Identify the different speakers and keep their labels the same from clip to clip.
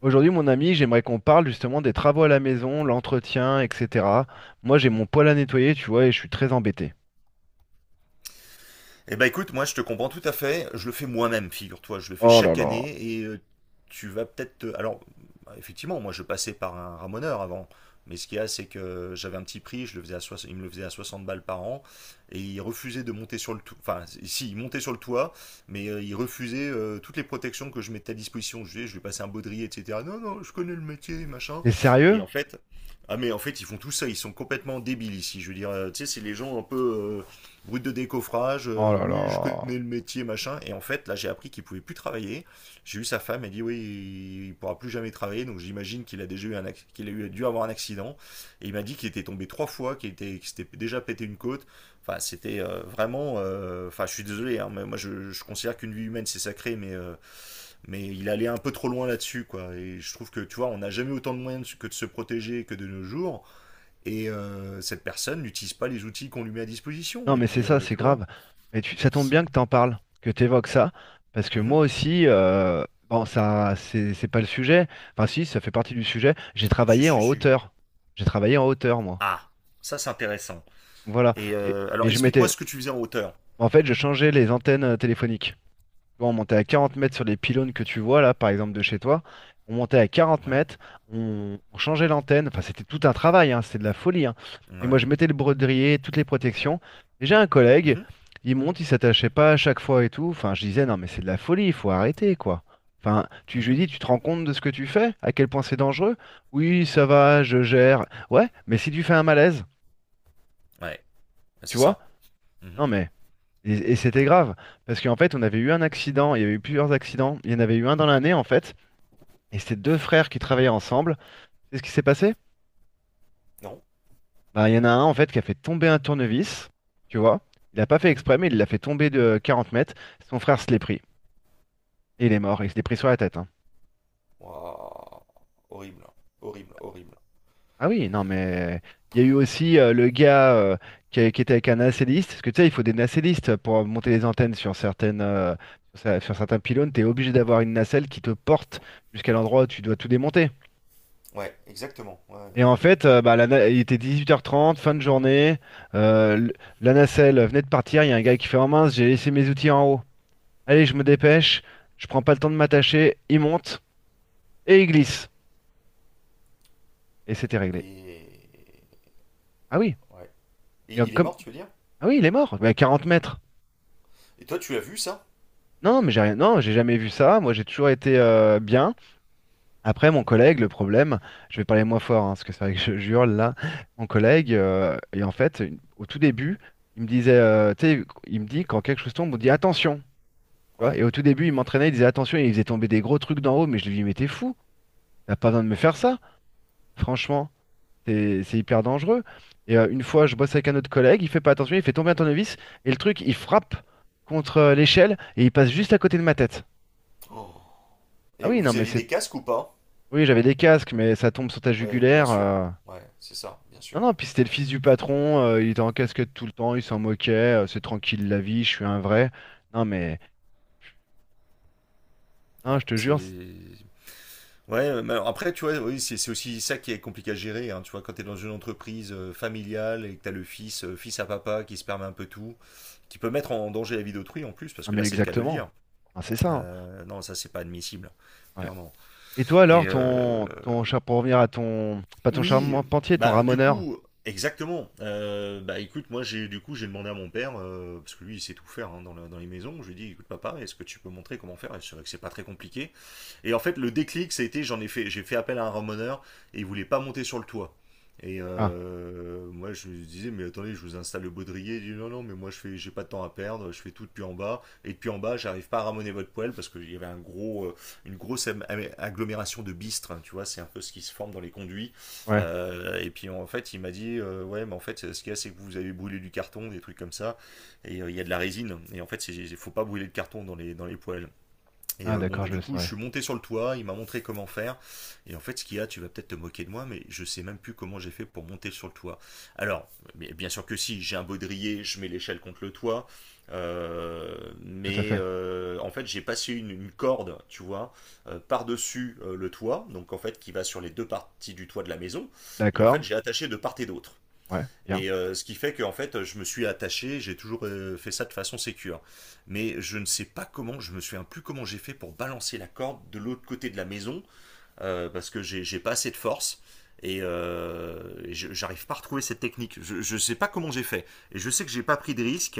Speaker 1: Aujourd'hui, mon ami, j'aimerais qu'on parle justement des travaux à la maison, l'entretien, etc. Moi, j'ai mon poêle à nettoyer, tu vois, et je suis très embêté.
Speaker 2: Eh ben écoute, moi je te comprends tout à fait, je le fais moi-même, figure-toi, je le fais
Speaker 1: Oh là
Speaker 2: chaque
Speaker 1: là.
Speaker 2: année tu vas peut-être... te- effectivement, moi je passais par un ramoneur avant, mais ce qu'il y a c'est que j'avais un petit prix, je le faisais à soix- il me le faisait à 60 balles par an et il refusait de monter sur le toit, enfin si, il montait sur le toit, mais il refusait toutes les protections que je mettais à disposition, je lui passais un baudrier, etc. Non, non, je connais le métier, machin.
Speaker 1: T'es
Speaker 2: Et
Speaker 1: sérieux?
Speaker 2: en fait, ah mais en fait ils font tout ça, ils sont complètement débiles ici, je veux dire, tu sais, c'est les gens Route de décoffrage,
Speaker 1: Oh là
Speaker 2: oui, je connais
Speaker 1: là.
Speaker 2: le métier, machin. Et en fait, là, j'ai appris qu'il pouvait plus travailler. J'ai eu sa femme, elle dit oui, il pourra plus jamais travailler. Donc j'imagine qu'il a déjà eu un acc- qu'il a eu- dû avoir un accident. Et il m'a dit qu'il était tombé trois fois, qu'il s'était déjà pété une côte. Enfin, c'était vraiment. Enfin, je suis désolé, hein, mais moi, je considère qu'une vie humaine, c'est sacré, mais il allait un peu trop loin là-dessus, quoi. Et je trouve que, tu vois, on n'a jamais autant de moyens de se- que de se protéger que de nos jours. Cette personne n'utilise pas les outils qu'on lui met à disposition.
Speaker 1: Non,
Speaker 2: Et
Speaker 1: mais c'est
Speaker 2: puis,
Speaker 1: ça, c'est
Speaker 2: tu vois.
Speaker 1: grave. Mais tu- ça tombe
Speaker 2: C'est-
Speaker 1: bien que t'en parles, que t'évoques ça, parce que
Speaker 2: Mhm.
Speaker 1: moi aussi, bon, ça, c'est pas le sujet. Enfin, si, ça fait partie du sujet. J'ai
Speaker 2: Si,
Speaker 1: travaillé
Speaker 2: si,
Speaker 1: en
Speaker 2: si.
Speaker 1: hauteur. J'ai travaillé en hauteur, moi.
Speaker 2: Ah, ça c'est intéressant.
Speaker 1: Voilà.
Speaker 2: Alors
Speaker 1: Et je
Speaker 2: explique-moi
Speaker 1: m'étais.
Speaker 2: ce que tu faisais en hauteur.
Speaker 1: En fait, je changeais les antennes téléphoniques. Tu vois, on montait à 40 mètres sur les pylônes que tu vois là, par exemple de chez toi. On montait à 40
Speaker 2: Ouais.
Speaker 1: mètres, on changeait l'antenne. Enfin, c'était tout un travail, hein, c'est de la folie, hein. Et moi, je
Speaker 2: Ouais.
Speaker 1: mettais le brodrier, toutes les protections. Et j'ai un collègue,
Speaker 2: Mhm.
Speaker 1: il monte, il s'attachait pas à chaque fois et tout. Enfin, je disais, non, mais c'est de la folie, il faut arrêter, quoi. Enfin, tu, je lui
Speaker 2: Mhm.
Speaker 1: dis, tu te rends compte de ce que tu fais? À quel point c'est dangereux? Oui, ça va, je gère. Ouais, mais si tu fais un malaise,
Speaker 2: Ouais. Bah,
Speaker 1: tu
Speaker 2: c'est
Speaker 1: vois?
Speaker 2: ça. Mhm.
Speaker 1: Non, mais. Et c'était
Speaker 2: Ouais.
Speaker 1: grave, parce qu'en fait, on avait eu un accident, il y avait eu plusieurs accidents, il y en avait eu un dans l'année, en fait, et c'était deux frères qui travaillaient ensemble. C'est ce qui s'est passé?
Speaker 2: Non.
Speaker 1: Bah, il y en a un, en fait, qui a fait tomber un tournevis, tu vois. Il n'a pas fait
Speaker 2: Mhm.
Speaker 1: exprès, mais il l'a fait tomber de 40 mètres. Son frère se l'est pris, et il est mort, il se l'est pris sur la tête, hein.
Speaker 2: Waouh. Horrible. Horrible, horrible.
Speaker 1: Ah oui, non, mais il y a eu aussi le gars qui, qui était avec un nacelliste, parce que tu sais, il faut des nacellistes pour monter les antennes sur certaines, sur, sur certains pylônes, tu es obligé d'avoir une nacelle qui te porte jusqu'à l'endroit où tu dois tout démonter.
Speaker 2: Ouais, exactement. Ouais.
Speaker 1: Et en fait, bah, il était 18h30, fin de journée. euh, l- la nacelle venait de partir. Il y a un gars qui fait en mince, j'ai laissé mes outils en haut. Allez, je me dépêche. Je prends pas le temps de m'attacher. Il monte et il glisse. Et
Speaker 2: Ouais.
Speaker 1: c'était réglé.
Speaker 2: Et...
Speaker 1: Ah oui.
Speaker 2: ouais. Et
Speaker 1: Et en-
Speaker 2: il est
Speaker 1: comme…
Speaker 2: mort, tu veux dire?
Speaker 1: Ah oui, il est mort. Mais à 40 mètres.
Speaker 2: Et toi, tu l'as vu ça?
Speaker 1: Non, mais j'ai rien. Non, j'ai jamais vu ça. Moi, j'ai toujours été bien. Après, mon
Speaker 2: Mhm.
Speaker 1: collègue, le problème, je vais parler moins fort, hein, parce que c'est vrai que je jure là. Mon collègue, et en fait, au tout début, il me disait, tu sais, il me dit quand quelque chose tombe, on dit attention. Tu vois,
Speaker 2: Ouais.
Speaker 1: et au tout début, il m'entraînait, il disait attention, il faisait tomber des gros trucs d'en haut, mais je lui dis mais t'es fou, t'as pas besoin de me faire ça, franchement, c'est hyper dangereux. Et une fois, je bosse avec un autre collègue, il fait pas attention, il fait tomber un tournevis, et le truc, il frappe contre l'échelle et il passe juste à côté de ma tête.
Speaker 2: Oh.
Speaker 1: Ah
Speaker 2: Et
Speaker 1: oui, non,
Speaker 2: vous
Speaker 1: mais
Speaker 2: aviez
Speaker 1: c'est.
Speaker 2: des casques ou pas?
Speaker 1: Oui, j'avais des casques, mais ça tombe sur ta
Speaker 2: Ouais, bien
Speaker 1: jugulaire.
Speaker 2: sûr. Ouais, c'est ça, bien
Speaker 1: Non,
Speaker 2: sûr.
Speaker 1: non, puis c'était le fils du patron, il était en casquette tout le temps, il s'en moquait, c'est tranquille la vie, je suis un vrai. Non, mais. Non,
Speaker 2: Ouais,
Speaker 1: je te
Speaker 2: c'est...
Speaker 1: jure, c'est-
Speaker 2: Ouais, mais alors après, tu vois, oui, c'est aussi ça qui est compliqué à gérer, hein, tu vois, quand tu es dans une entreprise familiale et que tu as le fils, fils à papa, qui se permet un peu tout, qui peut mettre en danger la vie d'autrui en plus, parce
Speaker 1: ah,
Speaker 2: que
Speaker 1: mais
Speaker 2: là, c'est le cas de le
Speaker 1: exactement.
Speaker 2: dire.
Speaker 1: Ah, c'est ça, hein.
Speaker 2: Non, ça, c'est pas admissible,
Speaker 1: Ouais.
Speaker 2: clairement.
Speaker 1: Et toi
Speaker 2: Et
Speaker 1: alors,
Speaker 2: euh,
Speaker 1: ton, ton char pour revenir à ton, pas ton
Speaker 2: oui,
Speaker 1: charpentier, ton
Speaker 2: bah, du
Speaker 1: ramoneur?
Speaker 2: coup, exactement. Bah, écoute, moi, j'ai demandé à mon père, parce que lui, il sait tout faire hein, dans les maisons, je lui ai dit, écoute, papa, est-ce que tu peux montrer comment faire? Et c'est vrai que c'est pas très compliqué. Et en fait, le déclic, ça a été, j'ai fait appel à un ramoneur et il voulait pas monter sur le toit.
Speaker 1: Ah,
Speaker 2: Moi, je lui disais, mais attendez, je vous installe le baudrier. Il dit, non, non, mais moi, j'ai pas de temps à perdre. Je fais tout depuis en bas. Et depuis en bas, j'arrive pas à ramoner votre poêle parce qu'il y avait une grosse agglomération de bistres. Hein, tu vois, c'est un peu ce qui se forme dans les conduits.
Speaker 1: ouais.
Speaker 2: Et puis, en fait, il m'a dit, ouais, mais en fait, ce qu'il y a, c'est que vous avez brûlé du carton, des trucs comme ça. Il y a de la résine. Et en fait, il faut pas brûler de carton dans les poêles.
Speaker 1: Ah,
Speaker 2: Bon,
Speaker 1: d'accord,
Speaker 2: bah,
Speaker 1: je
Speaker 2: du
Speaker 1: le
Speaker 2: coup, je
Speaker 1: saurais.
Speaker 2: suis monté sur le toit, il m'a montré comment faire. Et en fait, ce qu'il y a, tu vas peut-être te moquer de moi, mais je sais même plus comment j'ai fait pour monter sur le toit. Alors, mais bien sûr que si, j'ai un baudrier, je mets l'échelle contre le toit. Euh,
Speaker 1: Tout à fait.
Speaker 2: en fait, j'ai passé une corde, tu vois, par-dessus le toit, donc en fait, qui va sur les deux parties du toit de la maison. Et en fait,
Speaker 1: D'accord.
Speaker 2: j'ai attaché de part et d'autre.
Speaker 1: Ouais, bien.
Speaker 2: Ce qui fait qu'en fait, je me suis attaché, j'ai toujours fait ça de façon sécure. Mais je ne sais pas comment, je me souviens plus comment j'ai fait pour balancer la corde de l'autre côté de la maison, parce que j'ai pas assez de force. Et, euh, j'arrive pas à retrouver cette technique. Je sais pas comment j'ai fait. Et je sais que j'ai pas pris de risque.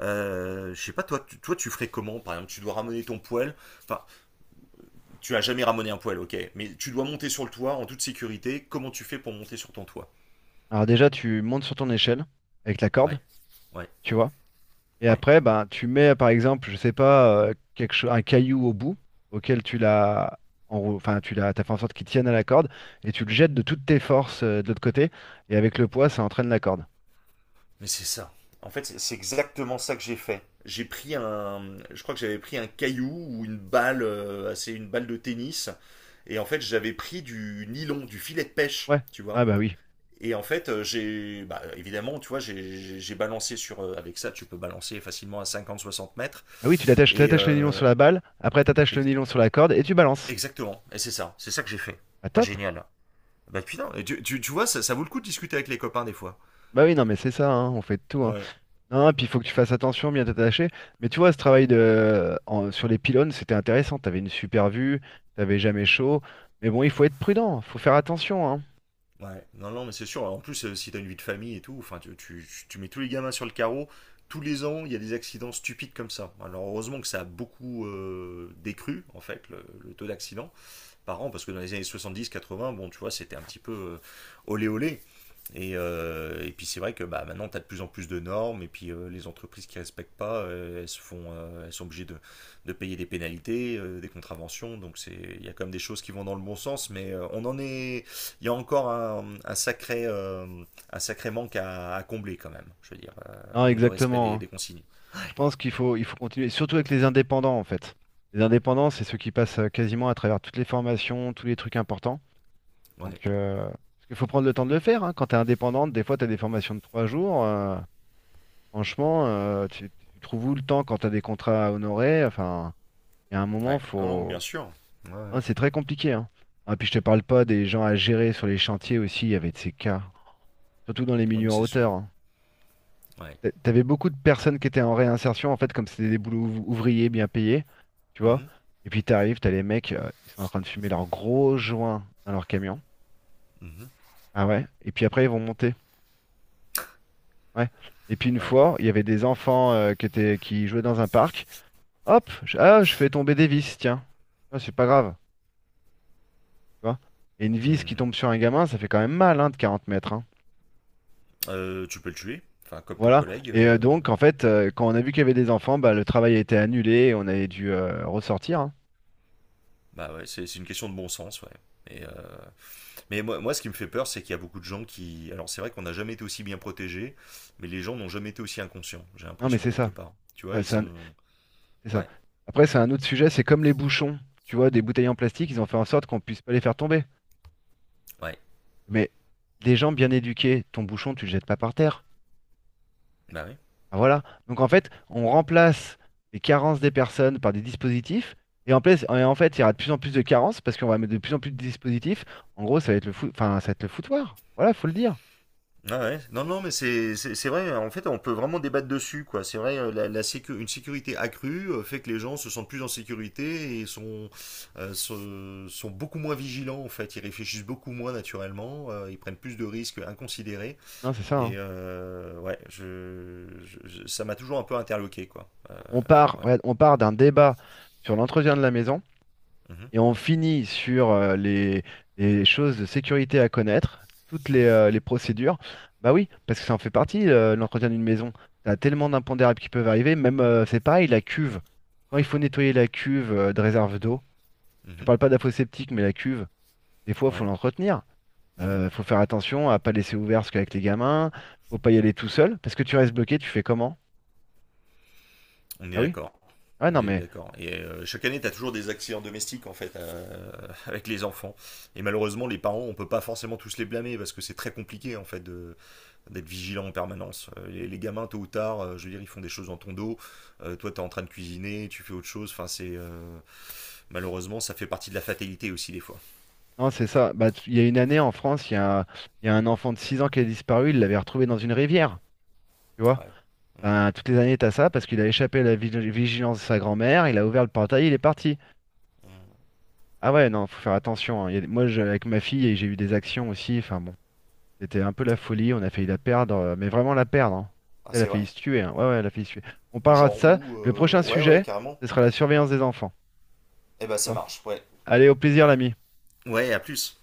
Speaker 2: Je sais pas, toi, tu ferais comment? Par exemple, tu dois ramener ton poêle. Enfin, tu as jamais ramené un poêle, ok. Mais tu dois monter sur le toit en toute sécurité. Comment tu fais pour monter sur ton toit?
Speaker 1: Alors déjà, tu montes sur ton échelle avec la corde,
Speaker 2: Ouais, ouais,
Speaker 1: tu vois. Et
Speaker 2: ouais.
Speaker 1: après, ben, tu mets, par exemple, je sais pas, un caillou au bout auquel tu l'as, enfin, tu l'as, t'as fait en sorte qu'il tienne à la corde et tu le jettes de toutes tes forces de l'autre côté et avec le poids, ça entraîne la corde.
Speaker 2: Mais c'est ça. En fait, exactement ça que j'ai fait. Je crois que j'avais pris un caillou ou une balle, assez une balle de tennis, et en fait j'avais pris du nylon, du filet de pêche,
Speaker 1: Ouais.
Speaker 2: tu
Speaker 1: Ah
Speaker 2: vois.
Speaker 1: bah oui.
Speaker 2: Et en fait, bah, évidemment, tu vois, j'ai balancé sur, avec ça, tu peux balancer facilement à 50-60 mètres.
Speaker 1: Ah oui, tu l'attaches,
Speaker 2: Et
Speaker 1: t'attaches le nylon
Speaker 2: euh,
Speaker 1: sur la balle, après t'attaches le
Speaker 2: ex-
Speaker 1: nylon sur la corde et tu balances.
Speaker 2: exactement, et c'est ça que j'ai fait.
Speaker 1: Bah
Speaker 2: Ah
Speaker 1: top.
Speaker 2: génial. Bah putain, et tu vois, ça vaut le coup de discuter avec les copains des fois.
Speaker 1: Bah oui, non, mais c'est ça, hein, on fait de tout, hein.
Speaker 2: Ouais.
Speaker 1: Non, puis il faut que tu fasses attention, bien t'attacher. Mais tu vois, ce travail de… en- sur les pylônes, c'était intéressant. T'avais une super vue, t'avais jamais chaud. Mais bon, il faut être prudent, faut faire attention, hein.
Speaker 2: Ouais, non, non, mais c'est sûr. En plus, si t'as une vie de famille et tout, enfin, tu mets tous les gamins sur le carreau. Tous les ans, il y a des accidents stupides comme ça. Alors, heureusement que ça a beaucoup décru, en fait, le taux d'accident par an, parce que dans les années 70-80, bon, tu vois, c'était un petit peu olé olé. Et puis c'est vrai que bah, maintenant, tu as de plus en plus de normes, et puis les entreprises qui ne respectent pas, se font, elles sont obligées de payer des pénalités, des contraventions, il y a quand même des choses qui vont dans le bon sens, mais il y a encore un sacré manque à combler quand même, je veux dire,
Speaker 1: Non,
Speaker 2: manque de respect
Speaker 1: exactement, hein.
Speaker 2: des consignes.
Speaker 1: Je pense qu'il faut, il faut continuer, surtout avec les indépendants, en fait. Les indépendants, c'est ceux qui passent quasiment à travers toutes les formations, tous les trucs importants. Donc,
Speaker 2: Ouais.
Speaker 1: parce qu'il faut prendre le temps de le faire, hein. Quand t'es indépendante, des fois, t'as des formations de 3 jours. Franchement, tu, tu trouves où le temps quand tu as des contrats à honorer? Enfin, il y a un moment,
Speaker 2: Ouais. Non, non, bien
Speaker 1: faut.
Speaker 2: sûr. Ouais,
Speaker 1: Hein, c'est très compliqué, hein. Ah, puis je te parle pas des gens à gérer sur les chantiers aussi, il y avait de ces cas, surtout dans les
Speaker 2: Ouais, mais
Speaker 1: milieux en
Speaker 2: c'est sûr.
Speaker 1: hauteur, hein.
Speaker 2: Ouais.
Speaker 1: T'avais beaucoup de personnes qui étaient en réinsertion, en fait, comme c'était des boulots ouvriers bien payés, tu vois.
Speaker 2: Mhm.
Speaker 1: Et puis t'arrives, t'as les mecs, ils sont en train de fumer leurs gros joints dans leur camion.
Speaker 2: Mhm.
Speaker 1: Ah ouais? Et puis après, ils vont monter. Ouais. Et puis une
Speaker 2: Ouais.
Speaker 1: fois, il y avait des enfants qui étaient, qui jouaient dans un parc. Hop, je, ah, je fais tomber des vis, tiens. Ah, c'est pas grave, tu vois. Et une vis qui
Speaker 2: Hmm.
Speaker 1: tombe sur un gamin, ça fait quand même mal, hein, de 40 mètres, hein.
Speaker 2: Tu peux le tuer, enfin comme ton
Speaker 1: Voilà.
Speaker 2: collègue.
Speaker 1: Et donc, en fait, quand on a vu qu'il y avait des enfants, bah, le travail a été annulé et on avait dû ressortir, hein.
Speaker 2: Bah ouais, c'est une question de bon sens, ouais. Et, euh, mais moi, ce qui me fait peur, c'est qu'il y a beaucoup de gens qui. Alors, c'est vrai qu'on n'a jamais été aussi bien protégés, mais les gens n'ont jamais été aussi inconscients, j'ai
Speaker 1: Non, mais
Speaker 2: l'impression,
Speaker 1: c'est
Speaker 2: quelque
Speaker 1: ça.
Speaker 2: part. Tu vois,
Speaker 1: Enfin,
Speaker 2: ils
Speaker 1: c'est un-
Speaker 2: sont.
Speaker 1: c'est ça.
Speaker 2: Ouais,
Speaker 1: Après, c'est un autre sujet, c'est comme les bouchons. Tu vois, des bouteilles en plastique, ils ont fait en sorte qu'on puisse pas les faire tomber.
Speaker 2: ouais.
Speaker 1: Mais des gens bien éduqués, ton bouchon, tu le jettes pas par terre.
Speaker 2: Bah oui.
Speaker 1: Ah, voilà. Donc en fait, on remplace les carences des personnes par des dispositifs. Et en place et en fait, il y aura de plus en plus de carences parce qu'on va mettre de plus en plus de dispositifs. En gros, ça va être enfin, ça va être le foutoir. Voilà, faut le dire.
Speaker 2: Ah ouais. Non, non, mais c'est vrai, en fait, on peut vraiment débattre dessus, quoi. C'est vrai, une sécurité accrue fait que les gens se sentent plus en sécurité et sont, sont beaucoup moins vigilants, en fait. Ils réfléchissent beaucoup moins naturellement, ils prennent plus de risques inconsidérés.
Speaker 1: Non, c'est ça, hein.
Speaker 2: Ouais, ça m'a toujours un peu interloqué, quoi. Ouais.
Speaker 1: On part,
Speaker 2: Ouais.
Speaker 1: regarde, on part d'un débat sur l'entretien de la maison,
Speaker 2: Mhm,
Speaker 1: et on finit sur les choses de sécurité à connaître, toutes
Speaker 2: mhm,
Speaker 1: les procédures, bah oui, parce que ça en fait partie, l'entretien d'une maison. T'as tellement d'impondérables qui peuvent arriver, même c'est pareil, la cuve. Quand il faut nettoyer la cuve de réserve d'eau, je parle pas de la fosse septique, mais la cuve, des fois,
Speaker 2: mhm,
Speaker 1: faut
Speaker 2: ouais.
Speaker 1: l'entretenir.
Speaker 2: Mhm.
Speaker 1: Faut faire attention à pas laisser ouvert parce qu'avec les gamins, faut pas y aller tout seul, parce que tu restes bloqué, tu fais comment?
Speaker 2: On est
Speaker 1: Ah oui?
Speaker 2: d'accord.
Speaker 1: Ah
Speaker 2: On
Speaker 1: non,
Speaker 2: est
Speaker 1: mais
Speaker 2: d'accord. Chaque année, tu as toujours des accidents domestiques, en fait, avec les enfants. Et malheureusement, les parents, on peut pas forcément tous les blâmer parce que c'est très compliqué, en fait, d'être vigilant en permanence. Les gamins, tôt ou tard, je veux dire, ils font des choses dans ton dos. Toi, tu es en train de cuisiner, tu fais autre chose. Enfin, c'est. Malheureusement, ça fait partie de la fatalité aussi, des fois.
Speaker 1: non, c'est ça. Bah, tu- il y a une année en France, il y a un enfant de 6 ans qui a disparu, il l'avait retrouvé dans une rivière. Tu vois?
Speaker 2: Ouais. Mm,
Speaker 1: Ben, toutes les années, t'as ça parce qu'il a échappé à la vigilance de sa grand-mère, il a ouvert le portail, il est parti.
Speaker 2: mm.
Speaker 1: Ah ouais, non, faut faire attention, hein. Il y a des- moi, je- avec ma fille, j'ai eu des actions aussi. Enfin bon, c'était un peu la folie. On a failli la perdre, mais vraiment la perdre, hein.
Speaker 2: Ah,
Speaker 1: Elle a
Speaker 2: c'est
Speaker 1: failli
Speaker 2: vrai?
Speaker 1: se tuer, hein. Ouais, ouais, elle a failli se tuer. On
Speaker 2: Mais
Speaker 1: parlera de
Speaker 2: genre
Speaker 1: ça.
Speaker 2: où?
Speaker 1: Le prochain
Speaker 2: Ouais, ouais,
Speaker 1: sujet,
Speaker 2: carrément.
Speaker 1: ce sera la surveillance des enfants.
Speaker 2: Eh ben,
Speaker 1: Tu
Speaker 2: ça
Speaker 1: vois?
Speaker 2: marche, ouais.
Speaker 1: Allez, au plaisir, l'ami.
Speaker 2: Ouais, à plus.